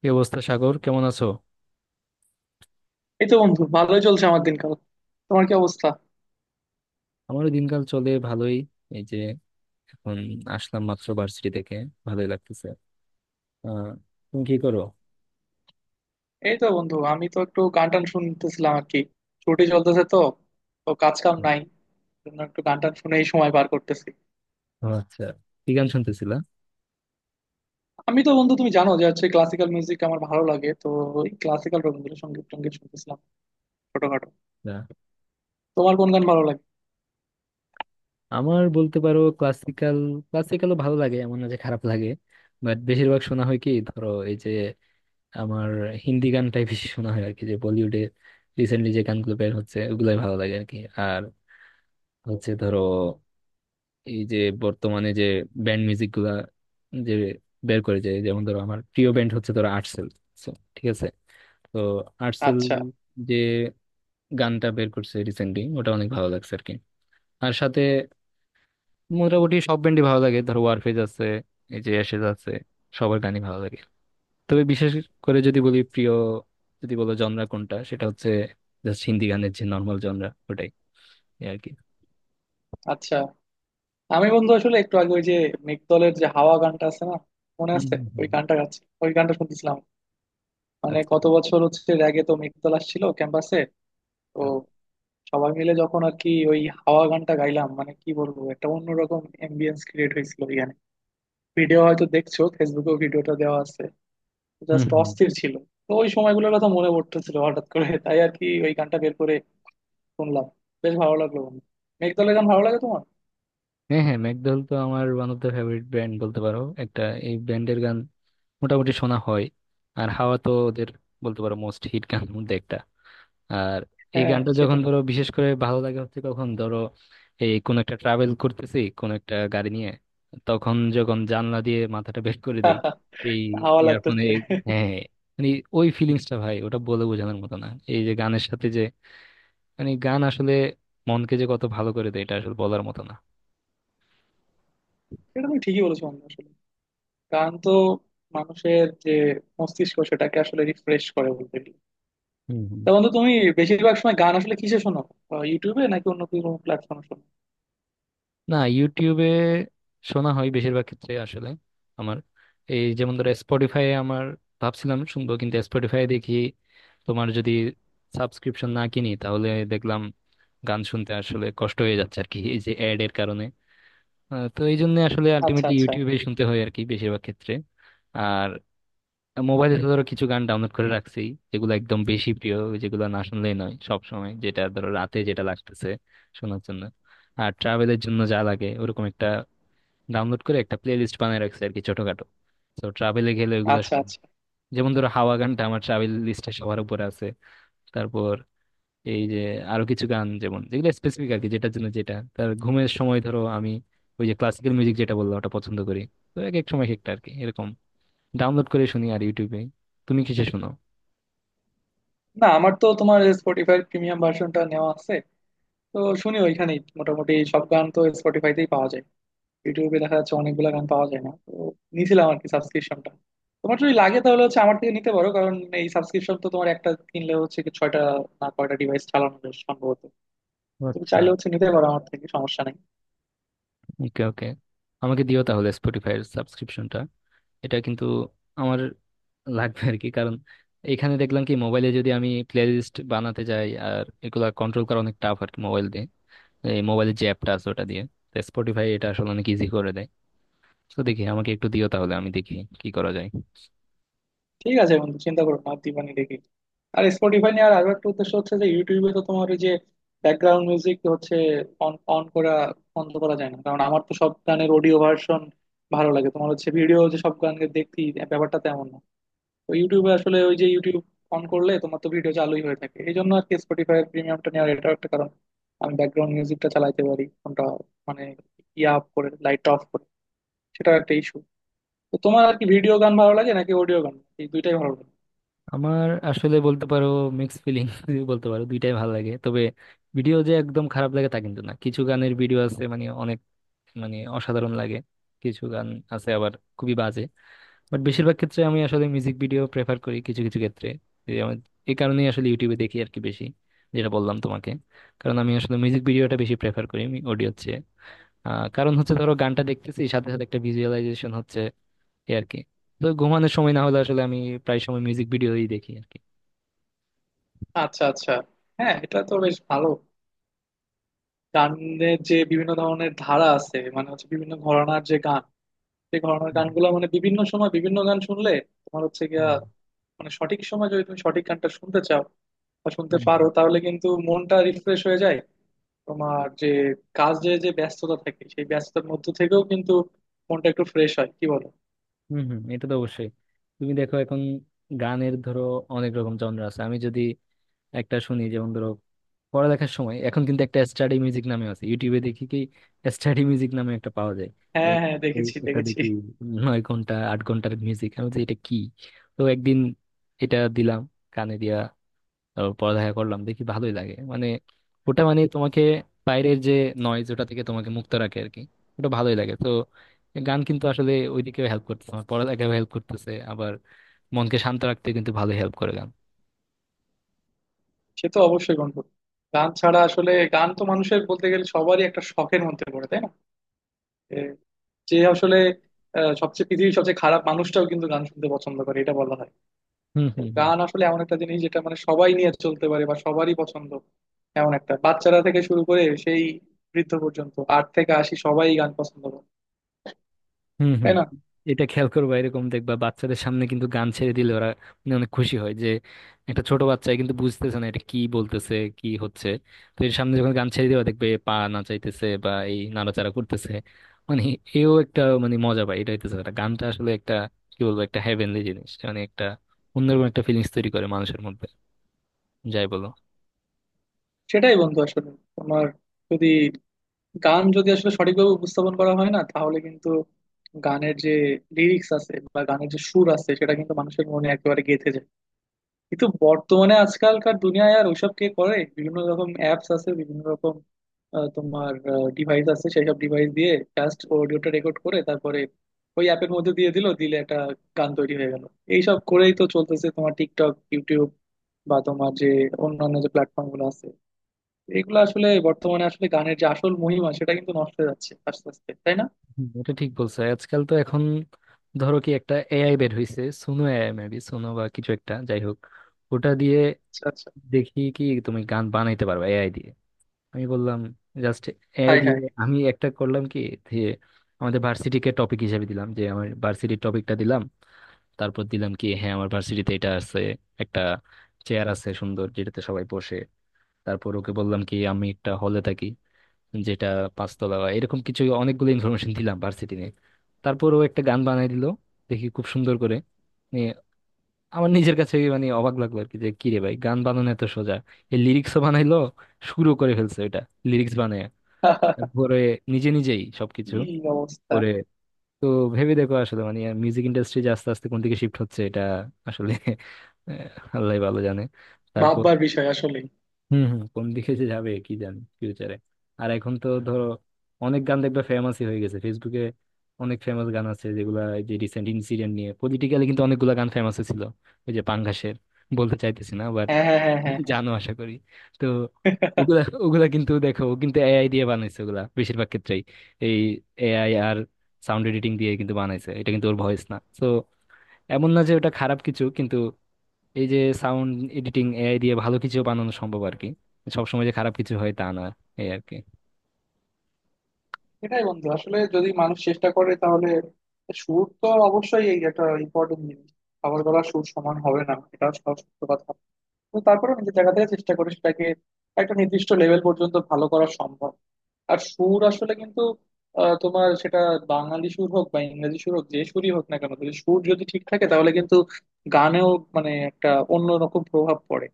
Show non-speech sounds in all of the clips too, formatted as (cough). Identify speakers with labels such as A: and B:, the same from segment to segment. A: কি অবস্থা সাগর? কেমন আছো?
B: এই তো বন্ধু, ভালোই চলছে আমার দিনকাল। তোমার কি অবস্থা?
A: আমারও দিনকাল চলে ভালোই। এই যে এখন আসলাম মাত্র ভার্সিটি থেকে, ভালোই লাগতেছে। আহ তুমি কি করো?
B: এই তো বন্ধু, আমি তো একটু গান টান শুনতেছিলাম আর কি। ছুটি চলতেছে তো, কাজ কাম নাই, জন্য একটু গান টান শুনেই সময় পার করতেছি।
A: ও আচ্ছা, কি গান শুনতেছিলা?
B: আমি তো বন্ধু তুমি জানো যে হচ্ছে ক্লাসিক্যাল মিউজিক আমার ভালো লাগে তো। ওই ক্লাসিক্যাল রবীন্দ্রসঙ্গীত টঙ্গীত শুনতেছিলাম ছোটখাটো।
A: না।
B: তোমার কোন গান ভালো লাগে?
A: আমার বলতে পারো ক্লাসিক্যাল, ক্লাসিক্যালও ভালো লাগে, এমন না যে খারাপ লাগে। বাট বেশিরভাগ শোনা হয় কি, ধরো এই যে আমার হিন্দি গানটাই বেশি শোনা হয় আর কি, যে বলিউডে রিসেন্টলি যে গানগুলো বের হচ্ছে ওগুলাই ভালো লাগে আর কি। আর হচ্ছে ধরো এই যে বর্তমানে যে ব্যান্ড মিউজিক গুলা যে বের করে যায়, যেমন ধরো আমার প্রিয় ব্যান্ড হচ্ছে ধরো আর্টসেল। So, ঠিক আছে, তো আর্টসেল
B: আচ্ছা
A: যে গানটা বের করছে রিসেন্টলি ওটা অনেক ভালো লাগছে আর কি। আর সাথে মোটামুটি সব ব্যান্ডই ভালো লাগে, ধরো ওয়ারফেজ আছে, এই যে অ্যাশেজ আছে, সবার গানই ভালো লাগে। তবে বিশেষ করে যদি বলি প্রিয়, যদি বলো জনরা কোনটা, সেটা হচ্ছে জাস্ট হিন্দি গানের যে নর্মাল জনরা ওটাই, এই আর কি।
B: আচ্ছা। আমি বন্ধু আসলে একটু আগে ওই যে মেঘদলের যে হাওয়া গানটা আছে না, মনে
A: হম
B: আছে?
A: হম
B: ওই
A: হম।
B: গানটা গাচ্ছি, ওই গানটা শুনতেছিলাম। মানে
A: আচ্ছা
B: কত বছর হচ্ছে, র্যাগে তো মেঘদল আসছিল ক্যাম্পাসে।
A: আচ্ছা।
B: সবাই মিলে যখন আর কি ওই হাওয়া গানটা গাইলাম, মানে কি বলবো, একটা অন্যরকম এম্বিয়েন্স ক্রিয়েট হয়েছিল ওইখানে। ভিডিও হয়তো দেখছো, ফেসবুকেও ভিডিওটা দেওয়া আছে।
A: হুম
B: জাস্ট
A: হুম।
B: অস্থির ছিল। তো ওই সময়গুলোর কথা মনে পড়তেছিল হঠাৎ করে (laughs) তাই আর কি ওই গানটা বের করে শুনলাম। বেশ ভালো লাগলো বন্ধু। মেঘদলের গান ভালো লাগে তোমার?
A: হ্যাঁ হ্যাঁ, ম্যাকডোয়েল তো আমার one of the favourite band বলতে পারো একটা। এই ব্যান্ডের গান মোটামুটি শোনা হয়। আর হাওয়া তো ওদের বলতে পারো মোস্ট হিট গান মধ্যে একটা। আর এই
B: হ্যাঁ
A: গানটা যখন
B: সেটাই।
A: ধরো বিশেষ করে ভালো লাগে হচ্ছে কখন, ধরো এই কোন একটা ট্রাভেল করতেছি কোন একটা গাড়ি নিয়ে, তখন যখন জানলা দিয়ে মাথাটা বের করে দেই
B: (laughs)
A: এই
B: হাওয়া
A: ইয়ারফোনে।
B: লাগতেছে।
A: হ্যাঁ, মানে ওই ফিলিংসটা ভাই ওটা বলে বোঝানোর মতো না। এই যে গানের সাথে যে, মানে গান আসলে মনকে যে কত ভালো করে দেয় এটা আসলে বলার মতো না।
B: এটা তুমি ঠিকই বলেছো বন্ধু, আসলে গান তো মানুষের যে মস্তিষ্ক, সেটাকে আসলে রিফ্রেশ করে বলতে গেলে। তা
A: হম।
B: বন্ধু তুমি বেশিরভাগ সময় গান আসলে কিসে শোনো? ইউটিউবে নাকি অন্য কোনো প্ল্যাটফর্মে শোনো?
A: না, ইউটিউবে শোনা হয় বেশিরভাগ ক্ষেত্রে আসলে। আমার এই যেমন ধরো স্পটিফাই, আমার ভাবছিলাম শুনবো, কিন্তু স্পটিফাই দেখি, তোমার যদি সাবস্ক্রিপশন না কিনি তাহলে দেখলাম গান শুনতে আসলে কষ্ট হয়ে যাচ্ছে আর কি, এই যে অ্যাড এর কারণে। তো এই জন্য আসলে
B: আচ্ছা
A: আলটিমেটলি
B: আচ্ছা।
A: ইউটিউবে শুনতে হয় আর কি বেশিরভাগ ক্ষেত্রে। আর মোবাইলে তো ধরো কিছু গান ডাউনলোড করে রাখছি, যেগুলো একদম বেশি প্রিয়, যেগুলো না শুনলেই নয়, সব সময় যেটা ধরো রাতে যেটা লাগতেছে শোনার জন্য, আর ট্রাভেলের জন্য যা লাগে ওরকম একটা ডাউনলোড করে একটা প্লে লিস্ট বানিয়ে রাখছি আর কি ছোটখাটো। তো ট্রাভেলে গেলে ওইগুলা
B: আচ্ছা
A: শুনি।
B: আচ্ছা।
A: যেমন ধরো হাওয়া গানটা আমার ট্রাভেল লিস্টে সবার উপরে আছে। তারপর এই যে আরো কিছু গান যেমন, যেগুলো স্পেসিফিক আর কি, যেটার জন্য যেটা তার ঘুমের সময় ধরো আমি ওই যে ক্লাসিক্যাল মিউজিক যেটা বললাম ওটা পছন্দ করি। তো এক এক সময় এক একটা আর কি এরকম ডাউনলোড করে শুনি আর ইউটিউবে। তুমি কিসে শোনো?
B: না আমার তো তোমার স্পটিফাই প্রিমিয়াম ভার্সনটা নেওয়া আছে, তো শুনি ওইখানেই। মোটামুটি সব গান তো স্পটিফাইতেই পাওয়া যায়, ইউটিউবে দেখা যাচ্ছে অনেকগুলো গান পাওয়া যায় না তো, নিয়েছিলাম আর কি সাবস্ক্রিপশনটা। তোমার যদি লাগে তাহলে হচ্ছে আমার থেকে নিতে পারো, কারণ এই সাবস্ক্রিপশন তো তোমার একটা কিনলে হচ্ছে কি ছয়টা না কয়টা ডিভাইস চালানো যায় সম্ভবত।
A: ও
B: তুমি
A: আচ্ছা।
B: চাইলে হচ্ছে নিতে পারো আমার থেকে, সমস্যা নেই।
A: ওকে ওকে, আমাকে দিও তাহলে স্পটিফাই এর সাবস্ক্রিপশনটা। এটা কিন্তু আমার লাগবে আর কি, কারণ এখানে দেখলাম কি মোবাইলে যদি আমি প্লে লিস্ট বানাতে যাই আর এগুলা কন্ট্রোল করা অনেক টাফ আর কি মোবাইল দিয়ে। এই মোবাইলের যে অ্যাপটা আছে ওটা দিয়ে স্পটিফাই এটা আসলে অনেক ইজি করে দেয়। তো দেখি, আমাকে একটু দিও তাহলে আমি দেখি কি করা যায়।
B: ঠিক আছে বন্ধু, চিন্তা করো না, দিবানি দেখি। আর স্পটিফাই নিয়ে আর আরো একটা উদ্দেশ্য হচ্ছে যে ইউটিউবে তো তোমার ওই যে ব্যাকগ্রাউন্ড মিউজিক হচ্ছে অন অন করা বন্ধ করা যায় না, কারণ আমার তো সব গানের অডিও ভার্সন ভালো লাগে। তোমার হচ্ছে ভিডিও যে সব গানকে দেখছি, ব্যাপারটা তেমন না। তো ইউটিউবে আসলে ওই যে ইউটিউব অন করলে তোমার তো ভিডিও চালুই হয়ে থাকে, এই জন্য আর কি স্পটিফাই প্রিমিয়ামটা নেওয়ার এটাও একটা কারণ, আমি ব্যাকগ্রাউন্ড মিউজিকটা চালাইতে পারি কোনটা মানে ইয়া অফ করে লাইটটা অফ করে। সেটাও একটা ইস্যু। তো তোমার আর কি ভিডিও গান ভালো লাগে নাকি অডিও গান? এই দুইটাই ভালো লাগে।
A: আমার আসলে বলতে পারো মিক্স ফিলিং (laughs) বলতে পারো দুইটাই ভালো লাগে। তবে ভিডিও যে একদম খারাপ লাগে তা কিন্তু না, কিছু গানের ভিডিও আছে মানে অনেক, মানে অসাধারণ লাগে। কিছু গান আছে আবার খুবই বাজে। বাট বেশিরভাগ ক্ষেত্রে আমি আসলে মিউজিক ভিডিও প্রেফার করি কিছু কিছু ক্ষেত্রে। এই আমার- এই কারণেই আসলে ইউটিউবে দেখি আর কি বেশি, যেটা বললাম তোমাকে, কারণ আমি আসলে মিউজিক ভিডিওটা বেশি প্রেফার করি। অডিও হচ্ছে কারণ হচ্ছে ধরো গানটা দেখতেছি সাথে সাথে একটা ভিজুয়ালাইজেশন হচ্ছে, এই আর কি। তো ঘুমানোর সময় না হলে আসলে আমি প্রায় সময় মিউজিক ভিডিওই দেখি আর কি।
B: আচ্ছা আচ্ছা। হ্যাঁ এটা তো বেশ ভালো। গানের যে বিভিন্ন ধরনের ধারা আছে মানে হচ্ছে বিভিন্ন ঘরানার যে গান, সেই ঘরানার
A: হুম
B: গানগুলো মানে বিভিন্ন সময় বিভিন্ন গান শুনলে তোমার হচ্ছে গিয়া
A: হুম
B: মানে সঠিক সময় যদি তুমি সঠিক গানটা শুনতে চাও বা শুনতে
A: হুম।
B: পারো তাহলে কিন্তু মনটা রিফ্রেশ হয়ে যায়। তোমার যে কাজে যে ব্যস্ততা থাকে সেই ব্যস্ততার মধ্যে থেকেও কিন্তু মনটা একটু ফ্রেশ হয়, কি বলো?
A: হুম হুম হুম, এটা তো অবশ্যই। তুমি দেখো এখন গানের ধরো অনেক রকম জনরা আছে। আমি যদি একটা শুনি যেমন ধরো পড়ালেখার সময়, এখন কিন্তু একটা স্টাডি মিউজিক নামে আছে ইউটিউবে, দেখি কি স্টাডি মিউজিক নামে একটা পাওয়া যায়। এই
B: হ্যাঁ হ্যাঁ,
A: এই
B: দেখেছি
A: একটা
B: দেখেছি।
A: দেখি 9 ঘন্টা 8 ঘন্টার মিউজিক, আমি বলছি এটা কি। তো একদিন এটা দিলাম কানে দিয়া, তারপর পড়ালেখা করলাম, দেখি ভালোই লাগে মানে। ওটা মানে তোমাকে বাইরের যে নয়েজ ওটা থেকে তোমাকে মুক্ত রাখে আর কি, ওটা ভালোই লাগে তো। গান কিন্তু আসলে ওইদিকেও হেল্প করতেছে, আমার পড়ালেখাও হেল্প করতেছে। আবার মনকে শান্ত রাখতে কিন্তু ভালো হেল্প করে গান।
B: সে তো অবশ্যই বন্ধু। গান ছাড়া আসলে গান তো মানুষের বলতে গেলে সবারই একটা শখের মধ্যে পড়ে, তাই না? এ, যে আসলে সবচেয়ে পৃথিবীর সবচেয়ে খারাপ মানুষটাও কিন্তু গান শুনতে পছন্দ করে, এটা বলা হয়।
A: হম
B: তো
A: হম।
B: গান আসলে এমন একটা জিনিস যেটা মানে সবাই নিয়ে চলতে পারে বা সবারই পছন্দ, এমন একটা। বাচ্চারা থেকে শুরু করে সেই বৃদ্ধ পর্যন্ত আট থেকে আশি সবাই গান পছন্দ করে,
A: হুম
B: তাই
A: হুম।
B: না?
A: এটা খেয়াল করবা, এরকম দেখবা বাচ্চাদের সামনে কিন্তু গান ছেড়ে দিলে ওরা মানে অনেক খুশি হয়, যে একটা ছোট বাচ্চা কিন্তু বুঝতেছে না এটা কি বলতেছে কি হচ্ছে। তো এর সামনে যখন গান ছেড়ে দেওয়া দেখবে পা নাচাইতেছে বা এই নাড়াচাড়া করতেছে, মানে এও একটা, মানে মজা পায়। এটা হইতেছে একটা, গানটা আসলে একটা কি বলবো, একটা হেভেনলি জিনিস, মানে একটা অন্যরকম একটা ফিলিংস তৈরি করে মানুষের মধ্যে, যাই বলো।
B: সেটাই বন্ধু আসলে। তোমার যদি গান যদি আসলে সঠিকভাবে উপস্থাপন করা হয় না, তাহলে কিন্তু গানের যে লিরিক্স আছে বা গানের যে সুর আছে সেটা কিন্তু মানুষের মনে একেবারে গেঁথে যায়। কিন্তু বর্তমানে আজকালকার দুনিয়ায় আর ওইসব কে করে? বিভিন্ন রকম অ্যাপস আছে, বিভিন্ন রকম তোমার ডিভাইস আছে, সেসব ডিভাইস দিয়ে জাস্ট অডিওটা রেকর্ড করে তারপরে ওই অ্যাপের মধ্যে দিয়ে দিল দিলে একটা গান তৈরি হয়ে গেল। এইসব করেই তো চলতেছে তোমার টিকটক, ইউটিউব বা তোমার যে অন্যান্য যে প্ল্যাটফর্ম গুলো আছে। এগুলো আসলে বর্তমানে আসলে গানের যে আসল মহিমা সেটা কিন্তু নষ্ট হয়ে যাচ্ছে আস্তে আস্তে, তাই না?
A: হুম, এটা ঠিক বলছো। আজকাল তো এখন ধরো কি একটা এআই বের হইছে, সুনো এআই মেবি, সুনো বা কিছু একটা যাই হোক। ওটা দিয়ে
B: আচ্ছা আচ্ছা।
A: দেখি কি তুমি গান বানাইতে পারবে এআই দিয়ে। আমি বললাম জাস্ট এআই
B: হাই
A: দিয়ে।
B: হাই।
A: আমি একটা করলাম কি, যে আমাদের ভার্সিটিকে টপিক হিসেবে দিলাম, যে আমার ভার্সিটির টপিকটা দিলাম। তারপর দিলাম কি হ্যাঁ, আমার ভার্সিটিতে এটা আছে, একটা চেয়ার আছে সুন্দর যেটাতে সবাই বসে। তারপর ওকে বললাম কি আমি একটা হলে থাকি যেটা পাঁচতলা বা এরকম কিছু, অনেকগুলো ইনফরমেশন দিলাম ভার্সিটি নিয়ে। তারপর ও একটা গান বানাই দিল, দেখি খুব সুন্দর করে। আমার নিজের কাছে মানে অবাক লাগলো আর কি, যে কি রে ভাই গান বানানো এত সোজা। এই লিরিক্সও বানাইলো, শুরু করে ফেলছে ওইটা, লিরিক্স বানায়,
B: (laughs)
A: তারপরে নিজে নিজেই সবকিছু
B: কি অবস্থা?
A: করে। তো ভেবে দেখো আসলে মানে মিউজিক ইন্ডাস্ট্রি যে আস্তে আস্তে কোন দিকে শিফট হচ্ছে এটা আসলে (laughs) আল্লাহই ভালো জানে। তারপর,
B: ভাববার বিষয় আসলে।
A: হম হম, কোন দিকে যে যাবে কি জানি ফিউচারে। আর এখন তো ধরো অনেক গান দেখবে ফেমাসই হয়ে গেছে ফেসবুকে। অনেক ফেমাস গান আছে যেগুলা এই যে রিসেন্ট ইনসিডেন্ট নিয়ে পলিটিক্যালি, কিন্তু অনেকগুলা গান ফেমাস ছিল। ওই যে পাঙ্গাসের বলতে চাইতেছি না বাট
B: হ্যাঁ হ্যাঁ হ্যাঁ হ্যাঁ
A: জানো আশা করি। তো
B: হ্যাঁ।
A: ওগুলা ওগুলা কিন্তু দেখো, ও কিন্তু এআই দিয়ে বানাইছে ওগুলা বেশিরভাগ ক্ষেত্রেই। এই এআই আর সাউন্ড এডিটিং দিয়ে কিন্তু বানাইছে, এটা কিন্তু ওর ভয়েস না তো। এমন না যে ওটা খারাপ কিছু, কিন্তু এই যে সাউন্ড এডিটিং এআই দিয়ে ভালো কিছু বানানো সম্ভব আর কি, সবসময় যে খারাপ কিছু হয় তা না, এই আর কি।
B: সেটাই বন্ধু আসলে, যদি মানুষ চেষ্টা করে তাহলে সুর তো অবশ্যই এই একটা ইম্পর্টেন্ট জিনিস। খাবার গলার সুর সমান হবে না, এটা সব সত্য কথা। তো তারপরে নিজের জায়গা থেকে চেষ্টা করে সেটাকে একটা নির্দিষ্ট লেভেল পর্যন্ত ভালো করা সম্ভব। আর সুর আসলে কিন্তু তোমার সেটা বাঙালি সুর হোক বা ইংরেজি সুর হোক, যে সুরই হোক না কেন, যদি সুর যদি ঠিক থাকে তাহলে কিন্তু গানেও মানে একটা অন্যরকম প্রভাব পড়ে।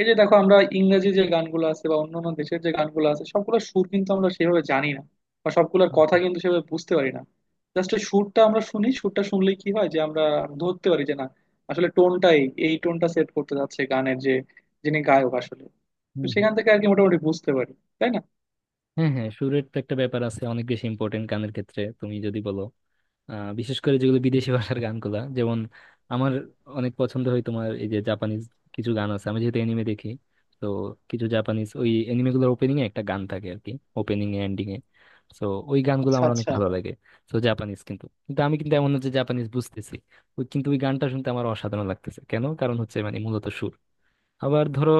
B: এই যে দেখো আমরা ইংরেজি যে গানগুলো আছে বা অন্যান্য দেশের যে গানগুলো আছে সবগুলোর সুর কিন্তু আমরা সেভাবে জানি না বা সবগুলোর কথা
A: হুম,
B: কিন্তু সেভাবে বুঝতে পারি না। জাস্ট সুরটা আমরা শুনি, সুরটা শুনলেই কি হয় যে আমরা ধরতে পারি যে না আসলে টোনটাই, এই টোনটা সেট করতে যাচ্ছে গানের যে যিনি গায়ক আসলে। তো
A: হুম,
B: সেখান থেকে আর কি মোটামুটি বুঝতে পারি, তাই না?
A: হ্যাঁ হ্যাঁ, সুরের তো একটা ব্যাপার আছে অনেক বেশি ইম্পর্টেন্ট গানের ক্ষেত্রে তুমি যদি বলো। বিশেষ করে যেগুলো বিদেশি ভাষার গানগুলা, যেমন আমার অনেক পছন্দ হয় তোমার এই যে জাপানিজ কিছু গান আছে, আমি যেহেতু এনিমে দেখি। তো কিছু জাপানিজ ওই এনিমে গুলোর ওপেনিং এ একটা গান থাকে আর কি, ওপেনিং এ এন্ডিং এ। তো ওই গানগুলো
B: আচ্ছা
A: আমার অনেক
B: আচ্ছা।
A: ভালো লাগে। তো জাপানিজ, কিন্তু কিন্তু আমি কিন্তু এমন না যে জাপানিজ বুঝতেছি। ওই কিন্তু ওই গানটা শুনতে আমার অসাধারণ লাগতেছে কেন, কারণ হচ্ছে মানে মূলত সুর। আবার ধরো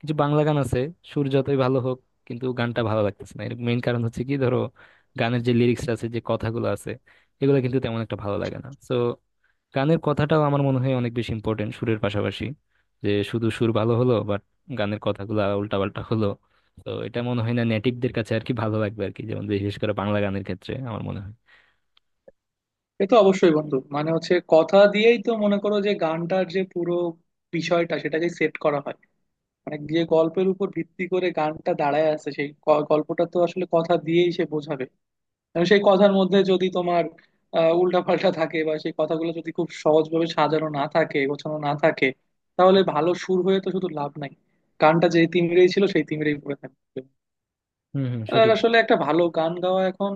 A: কিছু বাংলা গান আছে সুর যতই ভালো হোক, কিন্তু গানটা ভালো লাগতেছে না, এর মেইন কারণ হচ্ছে কি ধরো গানের যে লিরিক্স আছে যে কথাগুলো আছে এগুলো কিন্তু তেমন একটা ভালো লাগে না তো। গানের কথাটাও আমার মনে হয় অনেক বেশি ইম্পর্টেন্ট সুরের পাশাপাশি, যে শুধু সুর ভালো হলো বাট গানের কথাগুলো উল্টাপাল্টা হলো, তো এটা মনে হয় না নেটিভদের কাছে আর কি ভালো লাগবে আর কি, যেমন বিশেষ করে বাংলা গানের ক্ষেত্রে আমার মনে হয়।
B: এ তো অবশ্যই বন্ধু, মানে হচ্ছে কথা দিয়েই তো মনে করো যে গানটার যে পুরো বিষয়টা সেটাকে সেট করা হয়, মানে যে গল্পের উপর ভিত্তি করে গানটা দাঁড়ায় আছে সেই গল্পটা তো আসলে কথা দিয়েই সে বোঝাবে। কারণ সেই কথার মধ্যে যদি তোমার উল্টা পাল্টা থাকে বা সেই কথাগুলো যদি খুব সহজভাবে সাজানো না থাকে, গোছানো না থাকে, তাহলে ভালো সুর হয়ে তো শুধু লাভ নাই। গানটা যে তিমিরেই ছিল সেই তিমিরেই পড়ে থাকবে।
A: হম হম,
B: আর
A: সঠিক।
B: আসলে একটা ভালো গান গাওয়া এখন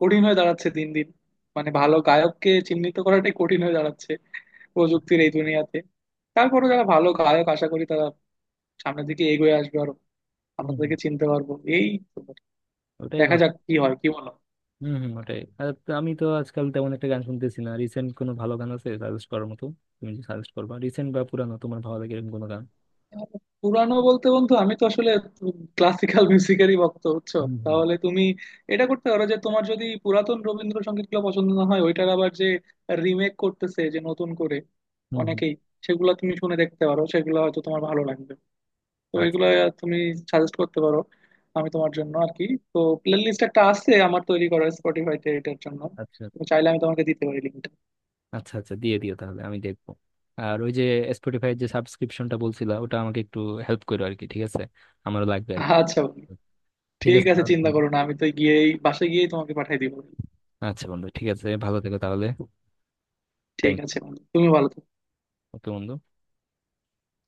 B: কঠিন হয়ে দাঁড়াচ্ছে দিন দিন, মানে ভালো গায়ককে চিহ্নিত করাটাই কঠিন হয়ে দাঁড়াচ্ছে প্রযুক্তির এই দুনিয়াতে। তারপরে যারা ভালো গায়ক আশা করি তারা সামনের দিকে এগিয়ে আসবে আরো,
A: হম হম,
B: আমাদেরকে চিনতে পারবো এই তো।
A: ওটাই
B: দেখা
A: ভালো।
B: যাক কি হয়, কি বলো?
A: হম হম, ওটাই। আর তো আমি তো আজকাল তেমন একটা গান শুনতেছি না, রিসেন্ট কোনো ভালো গান আছে সাজেস্ট করার মতো? তুমি যদি সাজেস্ট করবা রিসেন্ট বা পুরানো তোমার ভালো লাগে এরকম কোনো গান।
B: পুরানো বলতে বন্ধু আমি তো আসলে ক্লাসিক্যাল মিউজিকেরই ভক্ত, বুঝছো?
A: হুম হুম।
B: তাহলে তুমি এটা করতে পারো যে, তোমার যদি পুরাতন রবীন্দ্রসঙ্গীত গুলো পছন্দ না হয়, ওইটার আবার যে রিমেক করতেছে যে নতুন করে
A: হুম হুম।
B: অনেকেই, সেগুলো তুমি শুনে দেখতে পারো, সেগুলো হয়তো তোমার ভালো লাগবে। তো
A: আচ্ছা।
B: এগুলো তুমি সাজেস্ট করতে পারো আমি তোমার জন্য আর কি। তো প্লে লিস্ট একটা আছে আমার তৈরি করা স্পটিফাইতে এটার জন্য,
A: আচ্ছা
B: তুমি চাইলে আমি তোমাকে দিতে পারি লিঙ্কটা।
A: আচ্ছা, আচ্ছা দিয়ে দিও তাহলে আমি দেখবো। আর ওই যে স্পটিফাইয়ের যে সাবস্ক্রিপশনটা বলছিলা ওটা আমাকে একটু হেল্প করো আর কি, ঠিক আছে? আমারও লাগবে আর কি।
B: আচ্ছা বন্ধু,
A: ঠিক
B: ঠিক
A: আছে
B: আছে
A: তাহলে
B: চিন্তা
A: বন্ধু।
B: করো না, আমি তো গিয়েই বাসায় গিয়েই তোমাকে পাঠিয়ে দিব।
A: আচ্ছা বন্ধু, ঠিক আছে, ভালো থেকো তাহলে।
B: ঠিক
A: থ্যাংক ইউ।
B: আছে বন্ধু, তুমি ভালো থেকো।
A: ওকে বন্ধু।